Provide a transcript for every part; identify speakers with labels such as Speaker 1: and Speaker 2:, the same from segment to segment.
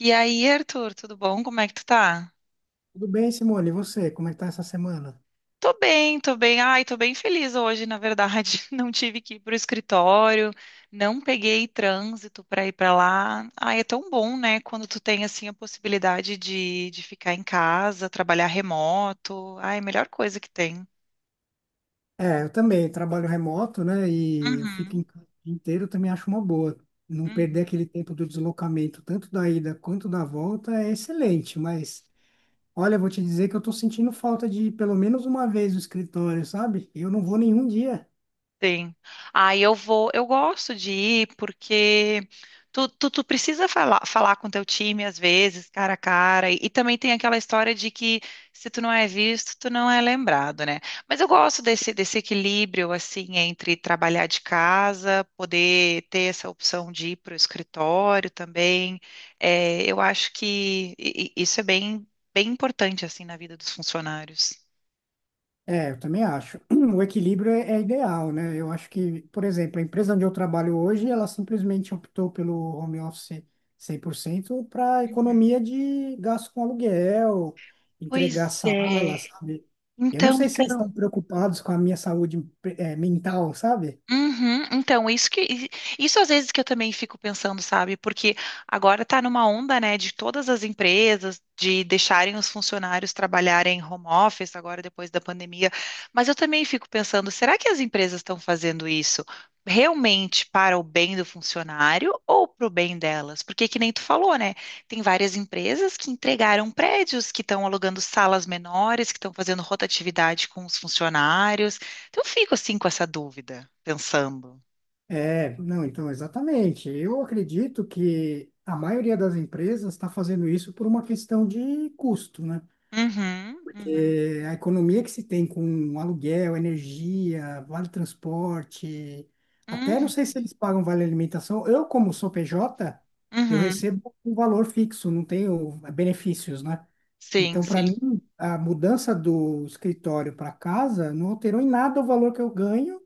Speaker 1: E aí, Arthur, tudo bom? Como é que tu tá?
Speaker 2: Tudo bem, Simone? E você? Como é que tá essa semana?
Speaker 1: Tô bem, tô bem. Ai, tô bem feliz hoje, na verdade. Não tive que ir pro escritório, não peguei trânsito pra ir pra lá. Ai, é tão bom, né? Quando tu tem, assim, a possibilidade de ficar em casa, trabalhar remoto. Ai, melhor coisa que tem.
Speaker 2: É, eu também trabalho remoto, né? E eu fico
Speaker 1: Uhum,
Speaker 2: em casa o dia inteiro, eu também acho uma boa. Não perder
Speaker 1: uhum.
Speaker 2: aquele tempo do deslocamento, tanto da ida quanto da volta, é excelente. Mas, olha, eu vou te dizer que eu tô sentindo falta de pelo menos uma vez no escritório, sabe? Eu não vou nenhum dia.
Speaker 1: Sim. Aí eu vou, eu gosto de ir porque tu precisa falar, falar com teu time às vezes, cara a cara, e também tem aquela história de que se tu não é visto, tu não é lembrado, né? Mas eu gosto desse equilíbrio, assim, entre trabalhar de casa, poder ter essa opção de ir para o escritório também. É, eu acho que isso é bem, bem importante, assim, na vida dos funcionários.
Speaker 2: É, eu também acho. O equilíbrio é ideal, né? Eu acho que, por exemplo, a empresa onde eu trabalho hoje, ela simplesmente optou pelo home office 100% para
Speaker 1: Uhum.
Speaker 2: economia de gasto com aluguel, entregar
Speaker 1: Pois é.
Speaker 2: salas, sabe? Eu não
Speaker 1: Então,
Speaker 2: sei se eles
Speaker 1: então.
Speaker 2: estão preocupados com a minha saúde, mental, sabe?
Speaker 1: Uhum, então, isso às vezes que eu também fico pensando, sabe? Porque agora tá numa onda, né, de todas as empresas de deixarem os funcionários trabalharem home office agora depois da pandemia, mas eu também fico pensando, será que as empresas estão fazendo isso realmente para o bem do funcionário ou para o bem delas? Porque que nem tu falou, né? Tem várias empresas que entregaram prédios, que estão alugando salas menores, que estão fazendo rotatividade com os funcionários. Então, eu fico assim com essa dúvida, pensando.
Speaker 2: É, não, então, exatamente. Eu acredito que a maioria das empresas está fazendo isso por uma questão de custo, né?
Speaker 1: Uhum, uhum,
Speaker 2: É, a economia que se tem com aluguel, energia, vale transporte, até não
Speaker 1: uhum,
Speaker 2: sei se eles pagam vale alimentação. Eu, como sou PJ, eu
Speaker 1: uhum.
Speaker 2: recebo um valor fixo, não tenho benefícios, né?
Speaker 1: Sim,
Speaker 2: Então, para
Speaker 1: sim,
Speaker 2: mim, a mudança do escritório para casa não alterou em nada o valor que eu ganho,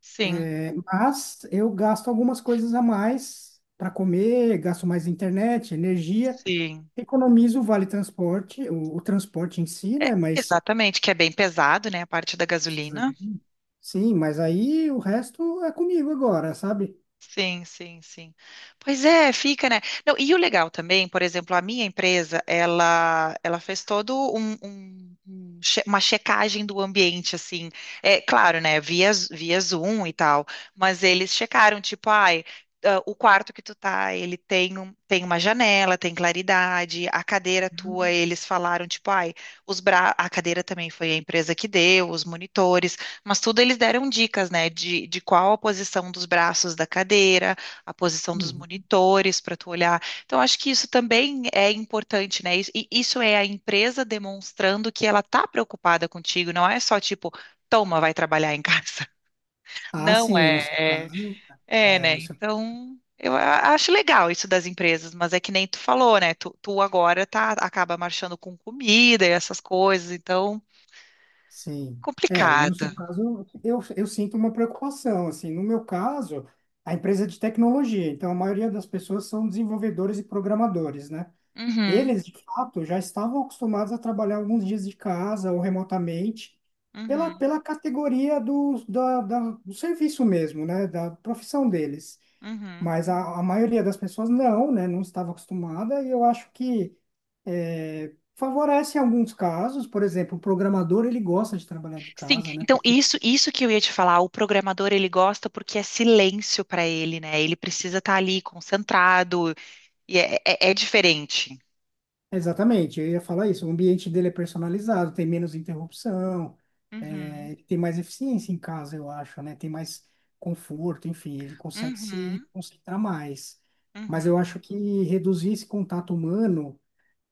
Speaker 1: sim,
Speaker 2: é, mas eu gasto algumas coisas a mais para comer, gasto mais internet, energia,
Speaker 1: sim.
Speaker 2: economizo o vale transporte, o transporte em si,
Speaker 1: É,
Speaker 2: né? Mas
Speaker 1: exatamente, que é bem pesado, né? A parte da
Speaker 2: precisa
Speaker 1: gasolina.
Speaker 2: de mim? Sim, mas aí o resto é comigo agora, sabe?
Speaker 1: Sim, sim, sim. Pois é, fica, né? Não, e o legal também, por exemplo, a minha empresa, ela fez todo uma checagem do ambiente, assim. É claro, né? Via, via Zoom e tal, mas eles checaram, tipo, ai, ah, o quarto que tu tá, ele tem, um, tem uma janela, tem claridade, a cadeira tua, eles falaram, tipo, ai, os bra... a cadeira também foi a empresa que deu, os monitores. Mas tudo eles deram dicas, né, de qual a posição dos braços da cadeira, a posição dos
Speaker 2: Uhum.
Speaker 1: monitores para tu olhar. Então, acho que isso também é importante, né? Isso- E isso é a empresa demonstrando que ela tá preocupada contigo, não é só tipo, toma, vai trabalhar em casa.
Speaker 2: Ah,
Speaker 1: Não
Speaker 2: sim,
Speaker 1: é,
Speaker 2: no seu
Speaker 1: é,
Speaker 2: caso.
Speaker 1: é,
Speaker 2: É,
Speaker 1: né?
Speaker 2: no seu,
Speaker 1: Então, eu acho legal isso das empresas, mas é que nem tu falou, né? Tu agora tá, acaba marchando com comida e essas coisas, então,
Speaker 2: sim. É, no
Speaker 1: complicado.
Speaker 2: seu caso, eu sinto uma preocupação, assim. No meu caso, a empresa é de tecnologia, então a maioria das pessoas são desenvolvedores e programadores, né?
Speaker 1: Uhum,
Speaker 2: Eles, de fato, já estavam acostumados a trabalhar alguns dias de casa ou remotamente, pela,
Speaker 1: uhum,
Speaker 2: pela categoria do serviço mesmo, né? Da profissão deles.
Speaker 1: uhum.
Speaker 2: Mas a maioria das pessoas não, né? Não estava acostumada e eu acho que é, favorece em alguns casos. Por exemplo, o programador, ele gosta de trabalhar de
Speaker 1: Sim,
Speaker 2: casa, né?
Speaker 1: então
Speaker 2: Porque,
Speaker 1: isso que eu ia te falar, o programador ele gosta porque é silêncio para ele, né? Ele precisa estar ali concentrado e é, é diferente.
Speaker 2: exatamente, eu ia falar isso, o ambiente dele é personalizado, tem menos interrupção,
Speaker 1: Uhum,
Speaker 2: é, ele tem mais eficiência em casa, eu acho, né? Tem mais conforto, enfim, ele consegue se
Speaker 1: uhum,
Speaker 2: concentrar mais. Mas
Speaker 1: uhum.
Speaker 2: eu acho que reduzir esse contato humano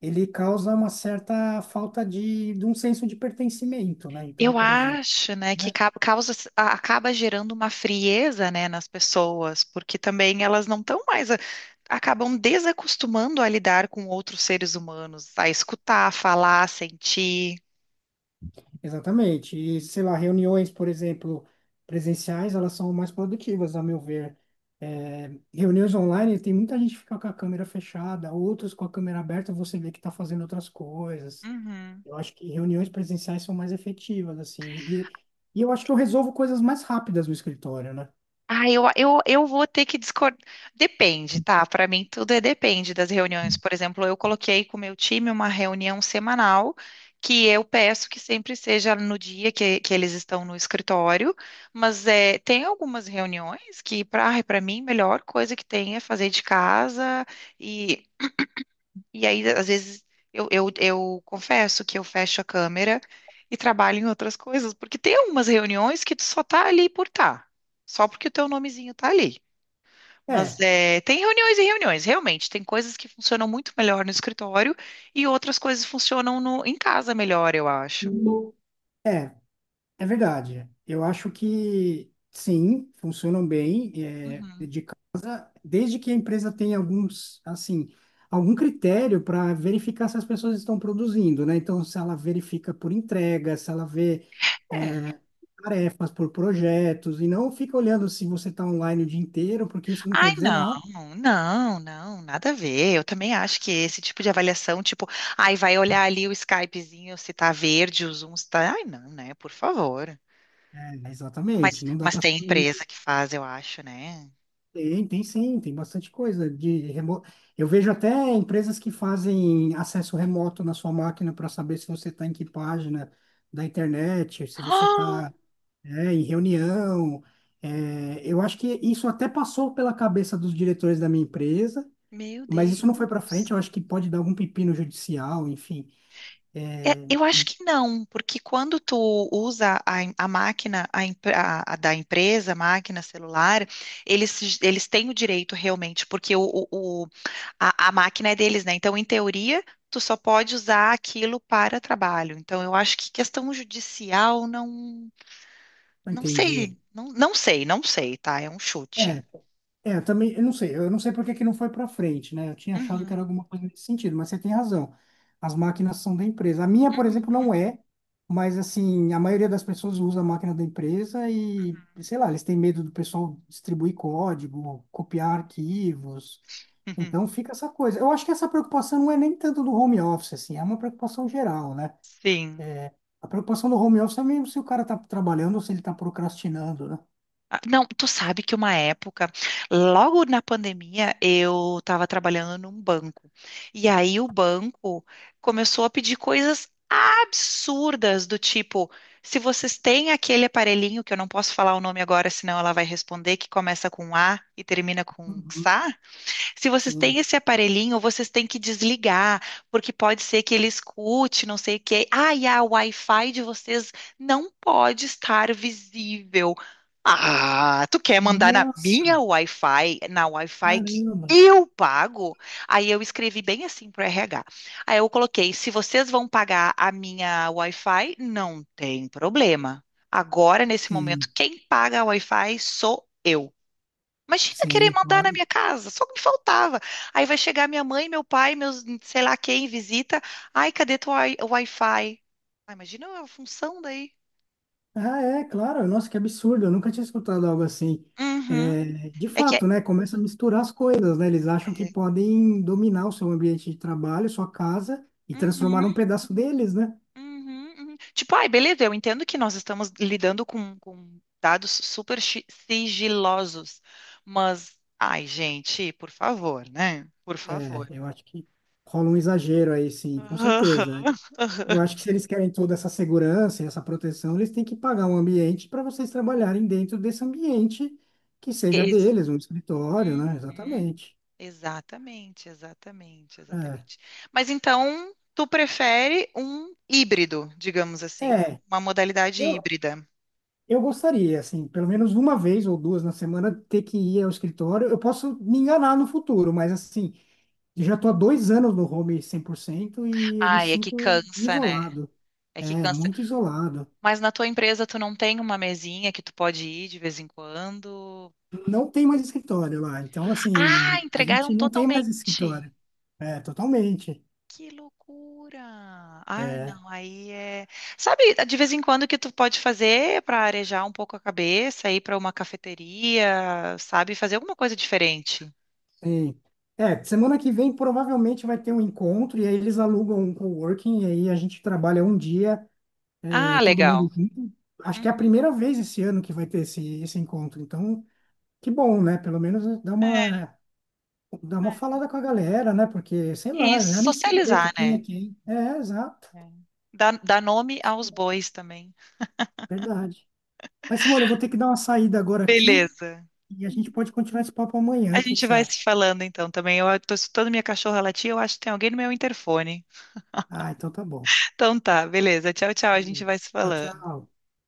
Speaker 2: ele causa uma certa falta de um senso de pertencimento, né? Então,
Speaker 1: Eu
Speaker 2: por exemplo,
Speaker 1: acho, né, que
Speaker 2: né?
Speaker 1: causa, acaba gerando uma frieza, né, nas pessoas, porque também elas não estão mais, acabam desacostumando a lidar com outros seres humanos, a escutar, falar, sentir.
Speaker 2: Exatamente. E, sei lá, reuniões, por exemplo, presenciais, elas são mais produtivas, a meu ver. É, reuniões online, tem muita gente que fica com a câmera fechada, outros com a câmera aberta, você vê que está fazendo outras coisas. Eu acho que reuniões presenciais são mais efetivas, assim. E, e eu acho que eu resolvo coisas mais rápidas no escritório, né?
Speaker 1: Ah, eu vou ter que discordar. Depende, tá? Para mim, tudo é depende das reuniões. Por exemplo, eu coloquei com o meu time uma reunião semanal que eu peço que sempre seja no dia que eles estão no escritório, mas é, tem algumas reuniões que, para mim, a melhor coisa que tem é fazer de casa e e aí, às vezes, eu confesso que eu fecho a câmera e trabalho em outras coisas, porque tem algumas reuniões que tu só tá ali por tá, só porque o teu nomezinho tá ali. Mas
Speaker 2: É.
Speaker 1: é, tem reuniões e reuniões, realmente. Tem coisas que funcionam muito melhor no escritório e outras coisas funcionam no, em casa melhor, eu acho.
Speaker 2: É, é verdade. Eu acho que sim, funcionam bem, é,
Speaker 1: Uhum.
Speaker 2: desde que a empresa tenha alguns, assim, algum critério para verificar se as pessoas estão produzindo, né? Então, se ela verifica por entrega, se ela vê,
Speaker 1: É.
Speaker 2: é, tarefas por projetos, e não fica olhando se você está online o dia inteiro, porque isso não
Speaker 1: Ai,
Speaker 2: quer dizer
Speaker 1: não,
Speaker 2: nada.
Speaker 1: não, não, nada a ver. Eu também acho que esse tipo de avaliação, tipo, ai, vai olhar ali o Skypezinho se tá verde, o Zoom se tá. Ai, não, né? Por favor.
Speaker 2: É,
Speaker 1: Mas,
Speaker 2: exatamente, não dá
Speaker 1: mas
Speaker 2: para
Speaker 1: tem empresa que faz, eu acho, né?
Speaker 2: tem, tem sim, tem bastante coisa de remo... Eu vejo até empresas que fazem acesso remoto na sua máquina para saber se você está em que página da internet, se você
Speaker 1: Ah,
Speaker 2: está, né, em reunião. É, eu acho que isso até passou pela cabeça dos diretores da minha empresa,
Speaker 1: meu
Speaker 2: mas isso não foi para frente.
Speaker 1: Deus.
Speaker 2: Eu acho que pode dar algum pepino judicial, enfim.
Speaker 1: É, eu acho que não, porque quando tu usa a, em- a máquina a, em- a da empresa, a máquina celular, eles têm o direito realmente, porque o- a máquina é deles, né? Então, em teoria, tu só pode usar aquilo para trabalho. Então, eu acho que questão judicial, não, não sei,
Speaker 2: Entendi.
Speaker 1: não, não sei, não sei, tá? É um chute.
Speaker 2: É, eu também, eu não sei por que que não foi para frente, né? Eu tinha achado que
Speaker 1: Uhum.
Speaker 2: era alguma coisa nesse sentido, mas você tem razão. As máquinas são da empresa. A minha, por exemplo,
Speaker 1: Uhum.
Speaker 2: não é, mas assim, a maioria das pessoas usa a máquina da empresa e, sei lá, eles têm medo do pessoal distribuir código, copiar arquivos.
Speaker 1: Uhum.
Speaker 2: Então fica essa coisa. Eu acho que essa preocupação não é nem tanto do home office, assim, é uma preocupação geral, né?
Speaker 1: Sim.
Speaker 2: A preocupação do home office é mesmo se o cara tá trabalhando ou se ele tá procrastinando, né?
Speaker 1: Ah, não, tu sabe que uma época, logo na pandemia, eu estava trabalhando num banco. E aí o banco começou a pedir coisas absurdas do tipo, se vocês têm aquele aparelhinho que eu não posso falar o nome agora, senão ela vai responder, que começa com A e termina com
Speaker 2: Uhum,
Speaker 1: XA. Se vocês têm
Speaker 2: sim.
Speaker 1: esse aparelhinho, vocês têm que desligar, porque pode ser que ele escute, não sei o quê. Ah, e a Wi-Fi de vocês não pode estar visível. Ah, tu quer mandar na
Speaker 2: Nossa!
Speaker 1: minha Wi-Fi, na Wi-Fi que
Speaker 2: Caramba!
Speaker 1: eu pago? Aí eu escrevi bem assim pro RH. Aí eu coloquei, se vocês vão pagar a minha Wi-Fi, não tem problema. Agora, nesse momento,
Speaker 2: Sim,
Speaker 1: quem paga a Wi-Fi sou eu. Imagina querer
Speaker 2: sim,
Speaker 1: mandar na
Speaker 2: claro.
Speaker 1: minha casa, só me faltava. Aí vai chegar minha mãe, meu pai, meus, sei lá quem, visita. Ai, cadê teu Wi-Fi? Ah, imagina a função daí.
Speaker 2: Ah, é, claro. Nossa, que absurdo. Eu nunca tinha escutado algo assim.
Speaker 1: Uhum.
Speaker 2: É, de
Speaker 1: É que é.
Speaker 2: fato, né? Começa a misturar as coisas, né? Eles acham que podem dominar o seu ambiente de trabalho, sua casa, e transformar
Speaker 1: Uhum,
Speaker 2: num pedaço deles, né?
Speaker 1: uhum, uhum. Tipo, ai, beleza, eu entendo que nós estamos lidando com dados sigilosos, mas, ai, gente, por favor, né? Por
Speaker 2: É,
Speaker 1: favor.
Speaker 2: eu acho que rola um exagero aí, sim, com certeza.
Speaker 1: Aham, aham.
Speaker 2: Eu acho que se eles querem toda essa segurança e essa proteção, eles têm que pagar um ambiente para vocês trabalharem dentro desse ambiente que seja
Speaker 1: Esse.
Speaker 2: deles, um escritório, né?
Speaker 1: Uhum.
Speaker 2: Exatamente.
Speaker 1: Exatamente, exatamente,
Speaker 2: É.
Speaker 1: exatamente. Mas então, tu prefere um híbrido, digamos assim, um,
Speaker 2: É,
Speaker 1: uma modalidade
Speaker 2: Eu,
Speaker 1: híbrida.
Speaker 2: eu gostaria, assim, pelo menos uma vez ou duas na semana ter que ir ao escritório. Eu posso me enganar no futuro, mas assim, eu já estou há 2 anos no home 100% e eu me
Speaker 1: Ai, é que
Speaker 2: sinto
Speaker 1: cansa, né?
Speaker 2: isolado.
Speaker 1: É que
Speaker 2: É,
Speaker 1: cansa.
Speaker 2: muito isolado.
Speaker 1: Mas na tua empresa tu não tem uma mesinha que tu pode ir de vez em quando?
Speaker 2: Não tem mais escritório lá. Então,
Speaker 1: Ah,
Speaker 2: assim, a
Speaker 1: entregaram
Speaker 2: gente não tem mais
Speaker 1: totalmente.
Speaker 2: escritório. É, totalmente.
Speaker 1: Que loucura! Ah, não, aí é. Sabe, de vez em quando o que tu pode fazer para arejar um pouco a cabeça, ir para uma cafeteria, sabe, fazer alguma coisa diferente.
Speaker 2: Sim. É, semana que vem provavelmente vai ter um encontro e aí eles alugam um coworking e aí a gente trabalha um dia
Speaker 1: Ah,
Speaker 2: ter todo
Speaker 1: legal.
Speaker 2: mundo junto. Acho que é a
Speaker 1: Uhum.
Speaker 2: primeira vez esse ano que vai ter esse, esse encontro. Então, que bom, né? Pelo menos
Speaker 1: É,
Speaker 2: dá uma
Speaker 1: é.
Speaker 2: falada com a galera, né? Porque, sei
Speaker 1: E
Speaker 2: lá, eu já nem sei direito
Speaker 1: socializar, né?
Speaker 2: quem. É, exato.
Speaker 1: É. Dá, dá nome aos bois também.
Speaker 2: Verdade. Mas, Simone, eu vou ter que dar uma saída agora aqui
Speaker 1: Beleza.
Speaker 2: e a gente pode continuar esse papo
Speaker 1: A
Speaker 2: amanhã. O que que
Speaker 1: gente
Speaker 2: você
Speaker 1: vai se
Speaker 2: acha?
Speaker 1: falando então também. Eu tô escutando minha cachorra latir, eu acho que tem alguém no meu interfone.
Speaker 2: Ah, então tá bom.
Speaker 1: Então tá, beleza. Tchau, tchau.
Speaker 2: Tá
Speaker 1: A gente
Speaker 2: bom.
Speaker 1: vai se
Speaker 2: Tchau,
Speaker 1: falando.
Speaker 2: tchau.